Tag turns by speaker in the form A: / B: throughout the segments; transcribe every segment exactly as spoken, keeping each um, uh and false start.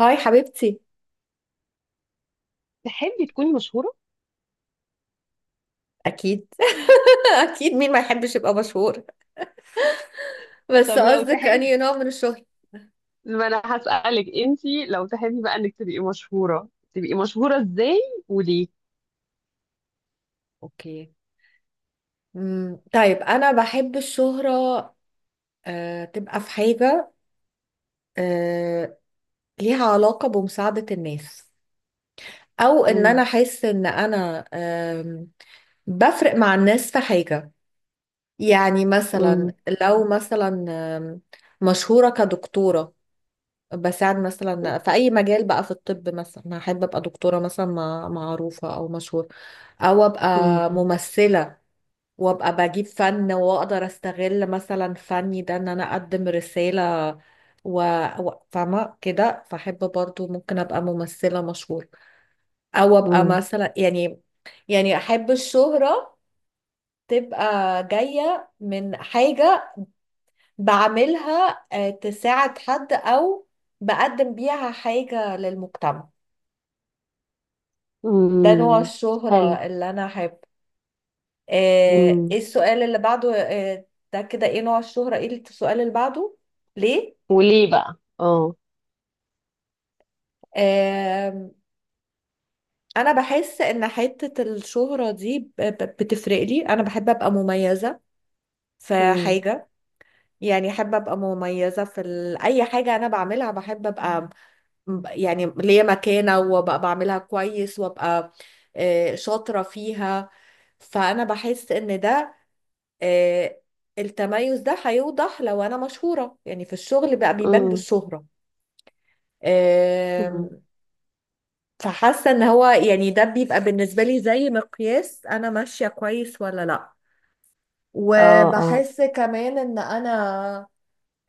A: هاي حبيبتي.
B: تحبي تكوني مشهورة؟
A: اكيد اكيد، مين ما يحبش يبقى مشهور؟ بس
B: طب لو
A: قصدك
B: تحبي
A: انهي نوع من الشهرة.
B: ما انا هسألك انتي لو تحبي بقى انك تبقي مشهورة، تبقي مشهورة ازاي وليه؟
A: اوكي. مم، طيب انا بحب الشهرة، آه، تبقى في حاجة آه، ليها علاقة بمساعدة الناس، او ان انا
B: مم.
A: احس ان انا آم، بفرق مع الناس في حاجة. يعني
B: مم.
A: مثلا لو مثلا آم، مشهورة كدكتورة، بساعد مثلا في اي مجال بقى، في الطب مثلا احب ابقى دكتوره مثلا مع- معروفه او مشهور، او ابقى
B: مم.
A: ممثله وابقى بجيب فن واقدر استغل مثلا فني ده ان انا اقدم رساله و... و... فاهمه كده، فاحب برضو ممكن ابقى ممثله مشهوره، او ابقى
B: مم.
A: مثلا يعني، يعني احب الشهره تبقى جايه من حاجه بعملها آه، تساعد حد او بقدم بيها حاجه للمجتمع. ده نوع
B: مم. حلو.
A: الشهرة اللي انا احب. آه،
B: مم.
A: ايه السؤال اللي بعده؟ آه، ده كده ايه نوع الشهرة، ايه السؤال اللي بعده؟ ليه؟
B: وليه بقى؟ اه.
A: آه، انا بحس ان حتة الشهرة دي ب- ب- بتفرق لي، انا بحب ابقى مميزة في
B: مم.
A: حاجة. يعني احب ابقى مميزة في ال... اي حاجة انا بعملها، بحب ابقى م- يعني ليا مكانة وابقى بعملها كويس وابقى آه، شاطرة فيها. فانا بحس ان ده آه، التميز ده هيوضح لو انا مشهورة، يعني في الشغل بقى بيبان
B: مم.
A: بالشهرة. آم،
B: مم.
A: فحاسة ان هو يعني ده بيبقى بالنسبة لي زي مقياس، انا ماشية كويس ولا لا.
B: اه، اه.
A: وبحس كمان ان انا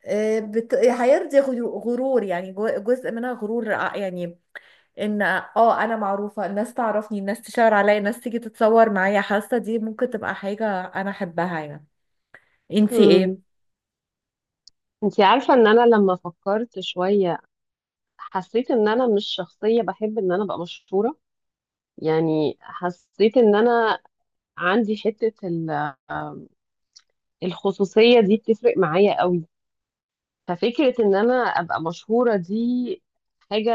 A: آه، بت... هيرضي غيو- غرور، يعني جو- جزء منها غرور، آه، يعني ان اه انا معروفة، الناس تعرفني، الناس تشاور عليا، الناس تيجي تتصور معايا، حاسة دي ممكن تبقى حاجة انا احبها يعني. انتي ايه؟
B: مم. انتي عارفة ان انا لما فكرت شوية حسيت ان انا مش شخصية بحب ان انا ابقى مشهورة، يعني حسيت ان انا عندي حتة ال الخصوصية دي بتفرق معايا قوي، ففكرة ان انا ابقى مشهورة دي حاجة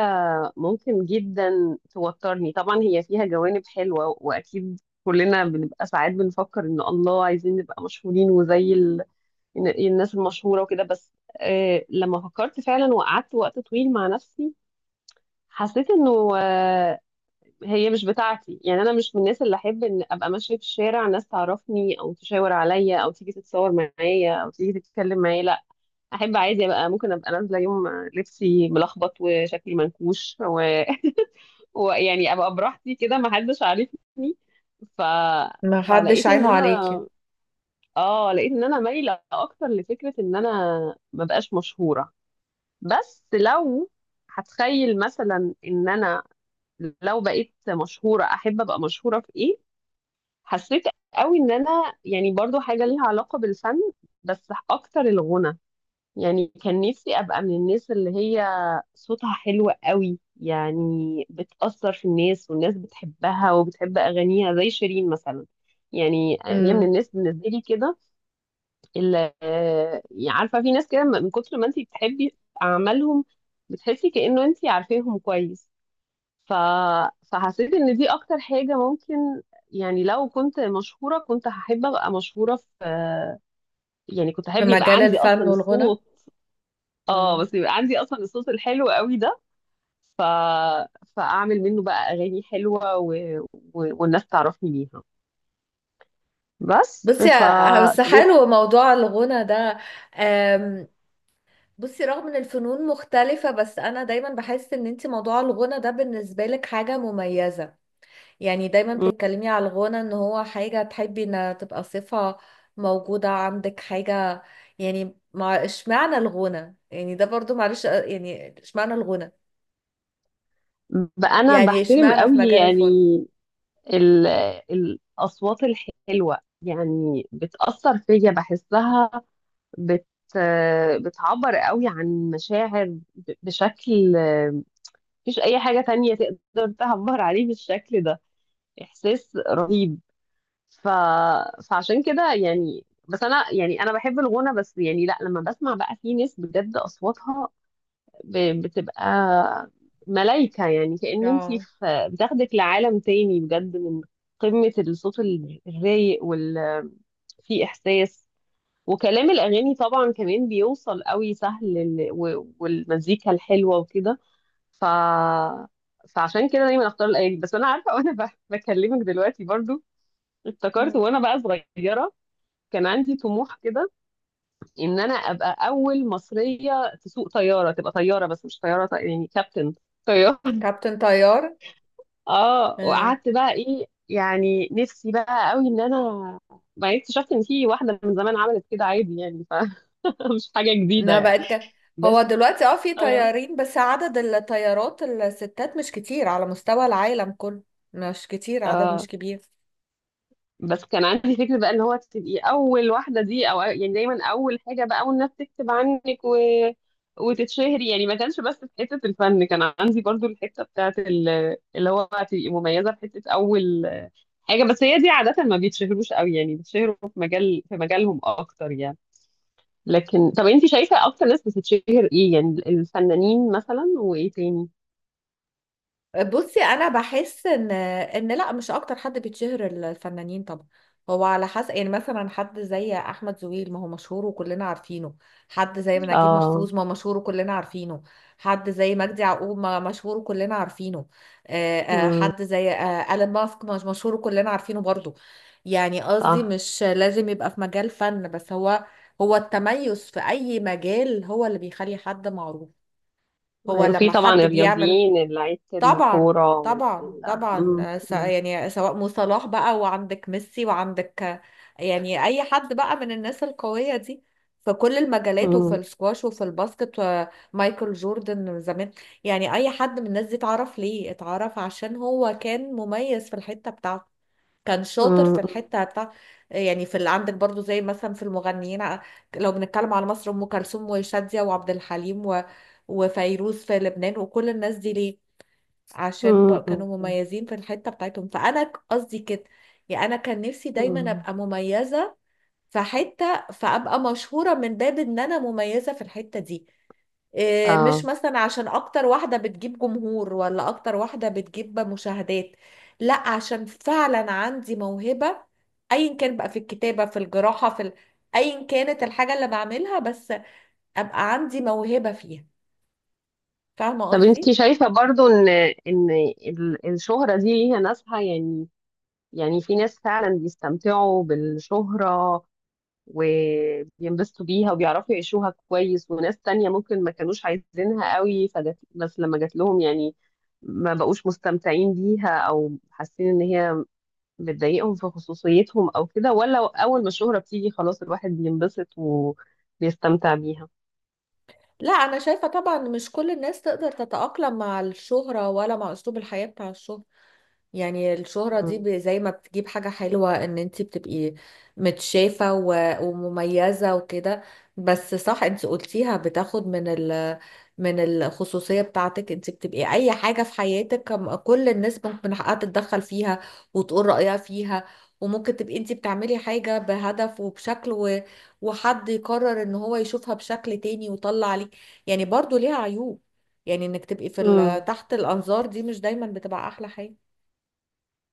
B: ممكن جدا توترني. طبعا هي فيها جوانب حلوة، واكيد كلنا بنبقى ساعات بنفكر ان الله عايزين نبقى مشهورين، وزي ال... إن- الناس المشهورة وكده، بس آه لما فكرت فعلا وقعدت وقت طويل مع نفسي حسيت انه آه هي مش بتاعتي. يعني انا مش من الناس اللي احب ان ابقى ماشية في الشارع ناس تعرفني او تشاور عليا او تيجي تتصور معايا او تيجي تتكلم معايا، لا، احب عادي ابقى ممكن ابقى نازله يوم لبسي ملخبط وشكلي منكوش و... ويعني ابقى براحتي كده، ما حدش عارفني. ف...
A: ما حدش
B: فلقيت
A: عينه
B: ان
A: عليكي.
B: انا اه لقيت ان انا مايله اكتر لفكره ان انا ما بقاش مشهوره. بس لو هتخيل مثلا ان انا لو بقيت مشهوره، احب ابقى مشهوره في ايه؟ حسيت قوي ان انا يعني برضو حاجه ليها علاقه بالفن، بس اكتر الغنى. يعني كان نفسي ابقى من الناس اللي هي صوتها حلو قوي، يعني بتأثر في الناس والناس بتحبها وبتحب اغانيها زي شيرين مثلا. يعني هي من
A: مم.
B: الناس بالنسبه لي كده، اللي آه، عارفه في ناس كده من كتر ما انت بتحبي اعمالهم بتحسي كأنه انت عارفاهم كويس. ف... فحسيت ان دي اكتر حاجه ممكن، يعني لو كنت مشهوره كنت هحب ابقى مشهوره في يعني كنت احب
A: في
B: يبقى
A: مجال
B: عندي
A: الفن
B: اصلا
A: والغنى.
B: الصوت. اه،
A: مم.
B: بس يبقى عندي اصلا الصوت الحلو قوي ده، ف... فاعمل منه بقى اغاني حلوه و... و... والناس تعرفني بيها، بس
A: بصي،
B: ف
A: ه- بس
B: طب إيه؟
A: حلو موضوع الغنى ده. أم، بصي، رغم ان الفنون مختلفة، بس انا دايما بحس ان انت موضوع الغنى ده بالنسبة لك حاجة مميزة. يعني دايما بتتكلمي على الغنى ان هو حاجة تحبي ان تبقى صفة موجودة عندك، حاجة يعني. مع اشمعنى الغنى؟ يعني ده برضو معلش، أ- يعني اشمعنى الغنى،
B: بقى انا
A: يعني
B: بحترم
A: اشمعنى في
B: قوي
A: مجال
B: يعني
A: الفن.
B: ال... الاصوات الحلوه، يعني بتاثر فيا بحسها، بت بتعبر قوي عن مشاعر ب- بشكل مفيش اي حاجه تانية تقدر تعبر عليه بالشكل ده، احساس رهيب. ف... فعشان كده يعني، بس انا يعني انا بحب الغنى. بس يعني، لا، لما بسمع بقى في ناس بجد اصواتها ب... بتبقى ملايكة، يعني كأن انتي
A: اه.
B: في بتاخدك لعالم تاني بجد من قمة الصوت ال- الرايق وال في احساس، وكلام الاغاني طبعا كمان بيوصل قوي سهل لل... و... والمزيكا الحلوة وكده. ف فعشان كده دايما اختار الاغاني. بس انا عارفه وانا ب- بكلمك دلوقتي برضو، افتكرت
A: مم.
B: وانا بقى صغيره كان عندي طموح كده ان انا ابقى اول مصريه تسوق طياره، تبقى طياره، بس مش طياره طي- يعني كابتن طياره.
A: كابتن طيار.
B: اه، وقعدت بقى، ايه يعني نفسي بقى قوي. ان انا بعدين اكتشفت ان في واحده من زمان عملت كده عادي، يعني فمش حاجه جديده
A: انها
B: يعني.
A: بقت ك... هو
B: بس
A: دلوقتي اه في
B: اه،
A: طيارين، بس عدد الطيارات الستات مش كتير على مستوى العالم كله، مش كتير، عدد مش
B: اه،
A: كبير.
B: بس كان عندي فكرة بقى اللي هو تبقي أول واحدة دي، أو يعني دايما أول حاجة بقى، والناس تكتب عنك و... وتتشهري. يعني ما كانش بس في حتة الفن، كان عندي برضو الحتة بتاعت ال... اللي هو تبقي مميزة في حتة أول حاجة. بس هي دي عادة ما بيتشهروش قوي، يعني بيتشهروا في مجال في مجالهم أكتر يعني. لكن طب أنت شايفة أكتر ناس بتتشهر إيه؟ يعني الفنانين مثلا وإيه تاني؟
A: بصي انا بحس ان ان لا، مش اكتر حد بيتشهر الفنانين طبعا. هو على حسب. يعني مثلا حد زي احمد زويل، ما هو مشهور وكلنا عارفينه. حد زي نجيب
B: آه.
A: محفوظ، ما هو مشهور وكلنا عارفينه. حد زي مجدي يعقوب، ما مشهور وكلنا عارفينه. آه، آه،
B: مم.
A: حد زي آه، ألين ماسك مش مشهور وكلنا عارفينه برضو. يعني قصدي
B: صح.
A: مش لازم يبقى في مجال فن بس. هو هو التميز في اي مجال هو اللي بيخلي حد معروف. هو
B: أيوة، وفي
A: لما
B: طبعا
A: حد بيعمل.
B: الرياضيين اللي لعيبة
A: طبعا،
B: الكورة وال
A: طبعا، طبعا،
B: مم،
A: آه، س-
B: مم،
A: يعني سواء مو صلاح بقى، وعندك ميسي، وعندك آه، يعني اي حد بقى من الناس القوية دي، في كل المجالات، وفي
B: مم،
A: السكواش، وفي الباسكت، آه، مايكل جوردن زمان. يعني اي حد من الناس دي اتعرف ليه، اتعرف عشان هو كان مميز في الحتة بتاعته، كان شاطر
B: مم،
A: في الحتة بتاع. يعني في اللي عندك برضو زي مثلا في المغنيين، آه، لو بنتكلم على مصر، ام كلثوم وشادية وعبد الحليم و... وفيروز في لبنان، وكل الناس دي ليه؟ عشان
B: مم،
A: ب... كانوا
B: مم،
A: مميزين في الحتة بتاعتهم. فأنا ك- قصدي كده، يعني أنا كان نفسي دايما
B: مم.
A: أبقى مميزة في حتة، فأبقى مشهورة من باب إن أنا مميزة في الحتة دي. إيه، مش
B: اه.
A: مثلا عشان أكتر واحدة بتجيب جمهور، ولا أكتر واحدة بتجيب مشاهدات، لا، عشان فعلا عندي موهبة، أيا كان بقى، في الكتابة، في الجراحة، في ال... أيا كانت الحاجة اللي بعملها، بس أبقى عندي موهبة فيها. فاهمة
B: طب
A: قصدي؟
B: انت شايفة برضو ان ان ال- الشهرة دي ليها ناسها يعني، يعني في ناس فعلا بيستمتعوا بالشهرة وبينبسطوا بيها وبيعرفوا يعيشوها كويس، وناس تانية ممكن ما كانوش عايزينها قوي فجت، بس لما جات لهم يعني ما بقوش مستمتعين بيها او حاسين ان هي بتضايقهم في خصوصيتهم او كده، ولا اول ما الشهرة بتيجي خلاص الواحد بينبسط وبيستمتع بيها؟
A: لا، انا شايفة طبعا مش كل الناس تقدر تتأقلم مع الشهرة ولا مع اسلوب الحياة بتاع الشهرة. يعني الشهرة دي
B: مم.
A: ب- زي ما بتجيب حاجة حلوة، ان انتي بتبقي متشافة و- ومميزة وكده. بس صح، انتي قلتيها، بتاخد من ال من الخصوصية بتاعتك. انتي بتبقي اي حاجة في حياتك، كم- كل الناس ممكن من حقها تتدخل فيها وتقول رأيها فيها، وممكن تبقي انتي بتعملي حاجة بهدف وبشكل، و... وحد يقرر ان هو يشوفها بشكل تاني ويطلع عليك. يعني برضو ليها عيوب. يعني انك تبقي في ال-
B: مم.
A: تحت الانظار دي مش دايما بتبقى احلى حاجة.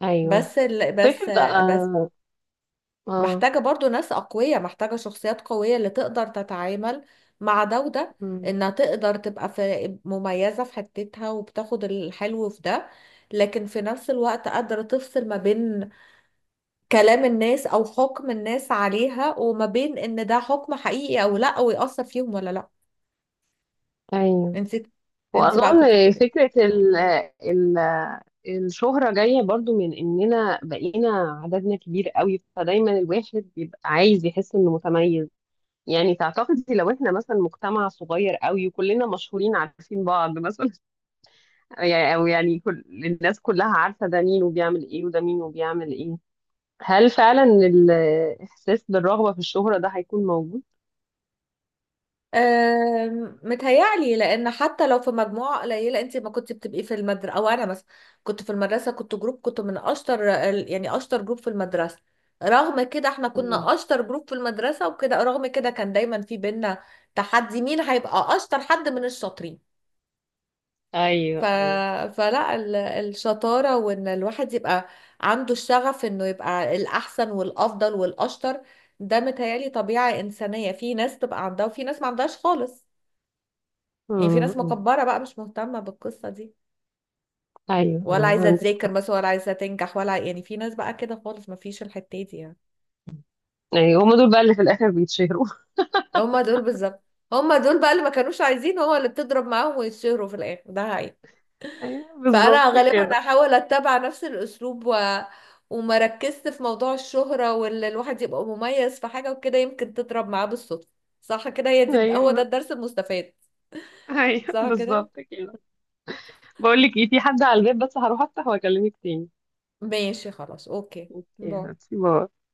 B: ايوه.
A: بس ال... بس
B: فكرة
A: بس
B: آه. آه.
A: محتاجة برضو ناس أقوياء، محتاجة شخصيات قوية اللي تقدر تتعامل مع ده وده.
B: مم.
A: إنها تقدر تبقى في مميزة في حتتها، وبتاخد الحلو في ده، لكن في نفس الوقت قادرة تفصل ما بين كلام الناس أو حكم الناس عليها، وما بين إن ده حكم حقيقي أو لأ، ويأثر فيهم ولا لأ.
B: ايوه.
A: انت انت بقى كنت
B: واظن
A: بتقولي إيه؟
B: فكرة ال ال الشهرة جاية برضو من اننا بقينا عددنا كبير قوي، فدايما الواحد بيبقى عايز يحس انه متميز. يعني تعتقدي لو احنا مثلا مجتمع صغير قوي وكلنا مشهورين عارفين بعض مثلا، يعني او يعني كل الناس كلها عارفه ده مين وبيعمل ايه وده مين وبيعمل ايه، هل فعلا الاحساس بالرغبه في الشهره ده هيكون موجود؟
A: أم، متهيألي لأن حتى لو في مجموعة قليلة، أنت ما كنت بتبقي في المدرسة، أو أنا مثلا كنت في المدرسة كنت جروب، كنت من أشطر ال- يعني أشطر جروب في المدرسة، رغم كده احنا
B: مم.
A: كنا أشطر جروب في المدرسة وكده، رغم كده كان دايما في بينا تحدي مين هيبقى أشطر حد من الشاطرين. ف...
B: ايوه، ايوه.
A: فلا، ال... الشطارة وإن الواحد يبقى عنده الشغف إنه يبقى الأحسن والأفضل والأشطر، ده متهيألي طبيعة إنسانية، في ناس تبقى عندها وفي ناس ما عندهاش خالص. يعني في
B: مم،
A: ناس
B: مم.
A: مكبرة بقى مش مهتمة بالقصة دي،
B: ايوه،
A: ولا
B: ايوه،
A: عايزة
B: عندك
A: تذاكر
B: حق.
A: مثلا، ولا عايزة تنجح، ولا يعني في ناس بقى كده خالص، ما فيش الحتة دي يعني.
B: ايوه، هم دول بقى اللي في الاخر بيتشهروا.
A: هما دول بالظبط. هما دول بقى اللي ما كانوش عايزين، هو اللي بتضرب معاهم ويتشهروا في الآخر، ده حقيقي.
B: ايوه،
A: فأنا
B: بالظبط
A: غالبا
B: كده.
A: أحاول أتبع نفس الأسلوب و... وما ركزت في موضوع الشهرة، واللي الواحد يبقى مميز في حاجة وكده يمكن تضرب معاه بالصدفة. صح كده، هي دي، هو ده
B: ايوه،
A: الدرس المستفاد.
B: ايوه،
A: صح كده.
B: بالظبط كده. بقول لك ايه، في حد على الباب بس، هروح افتح واكلمك تاني.
A: ماشي خلاص، أوكي.
B: اوكي،
A: باي.
B: هاتي، باي.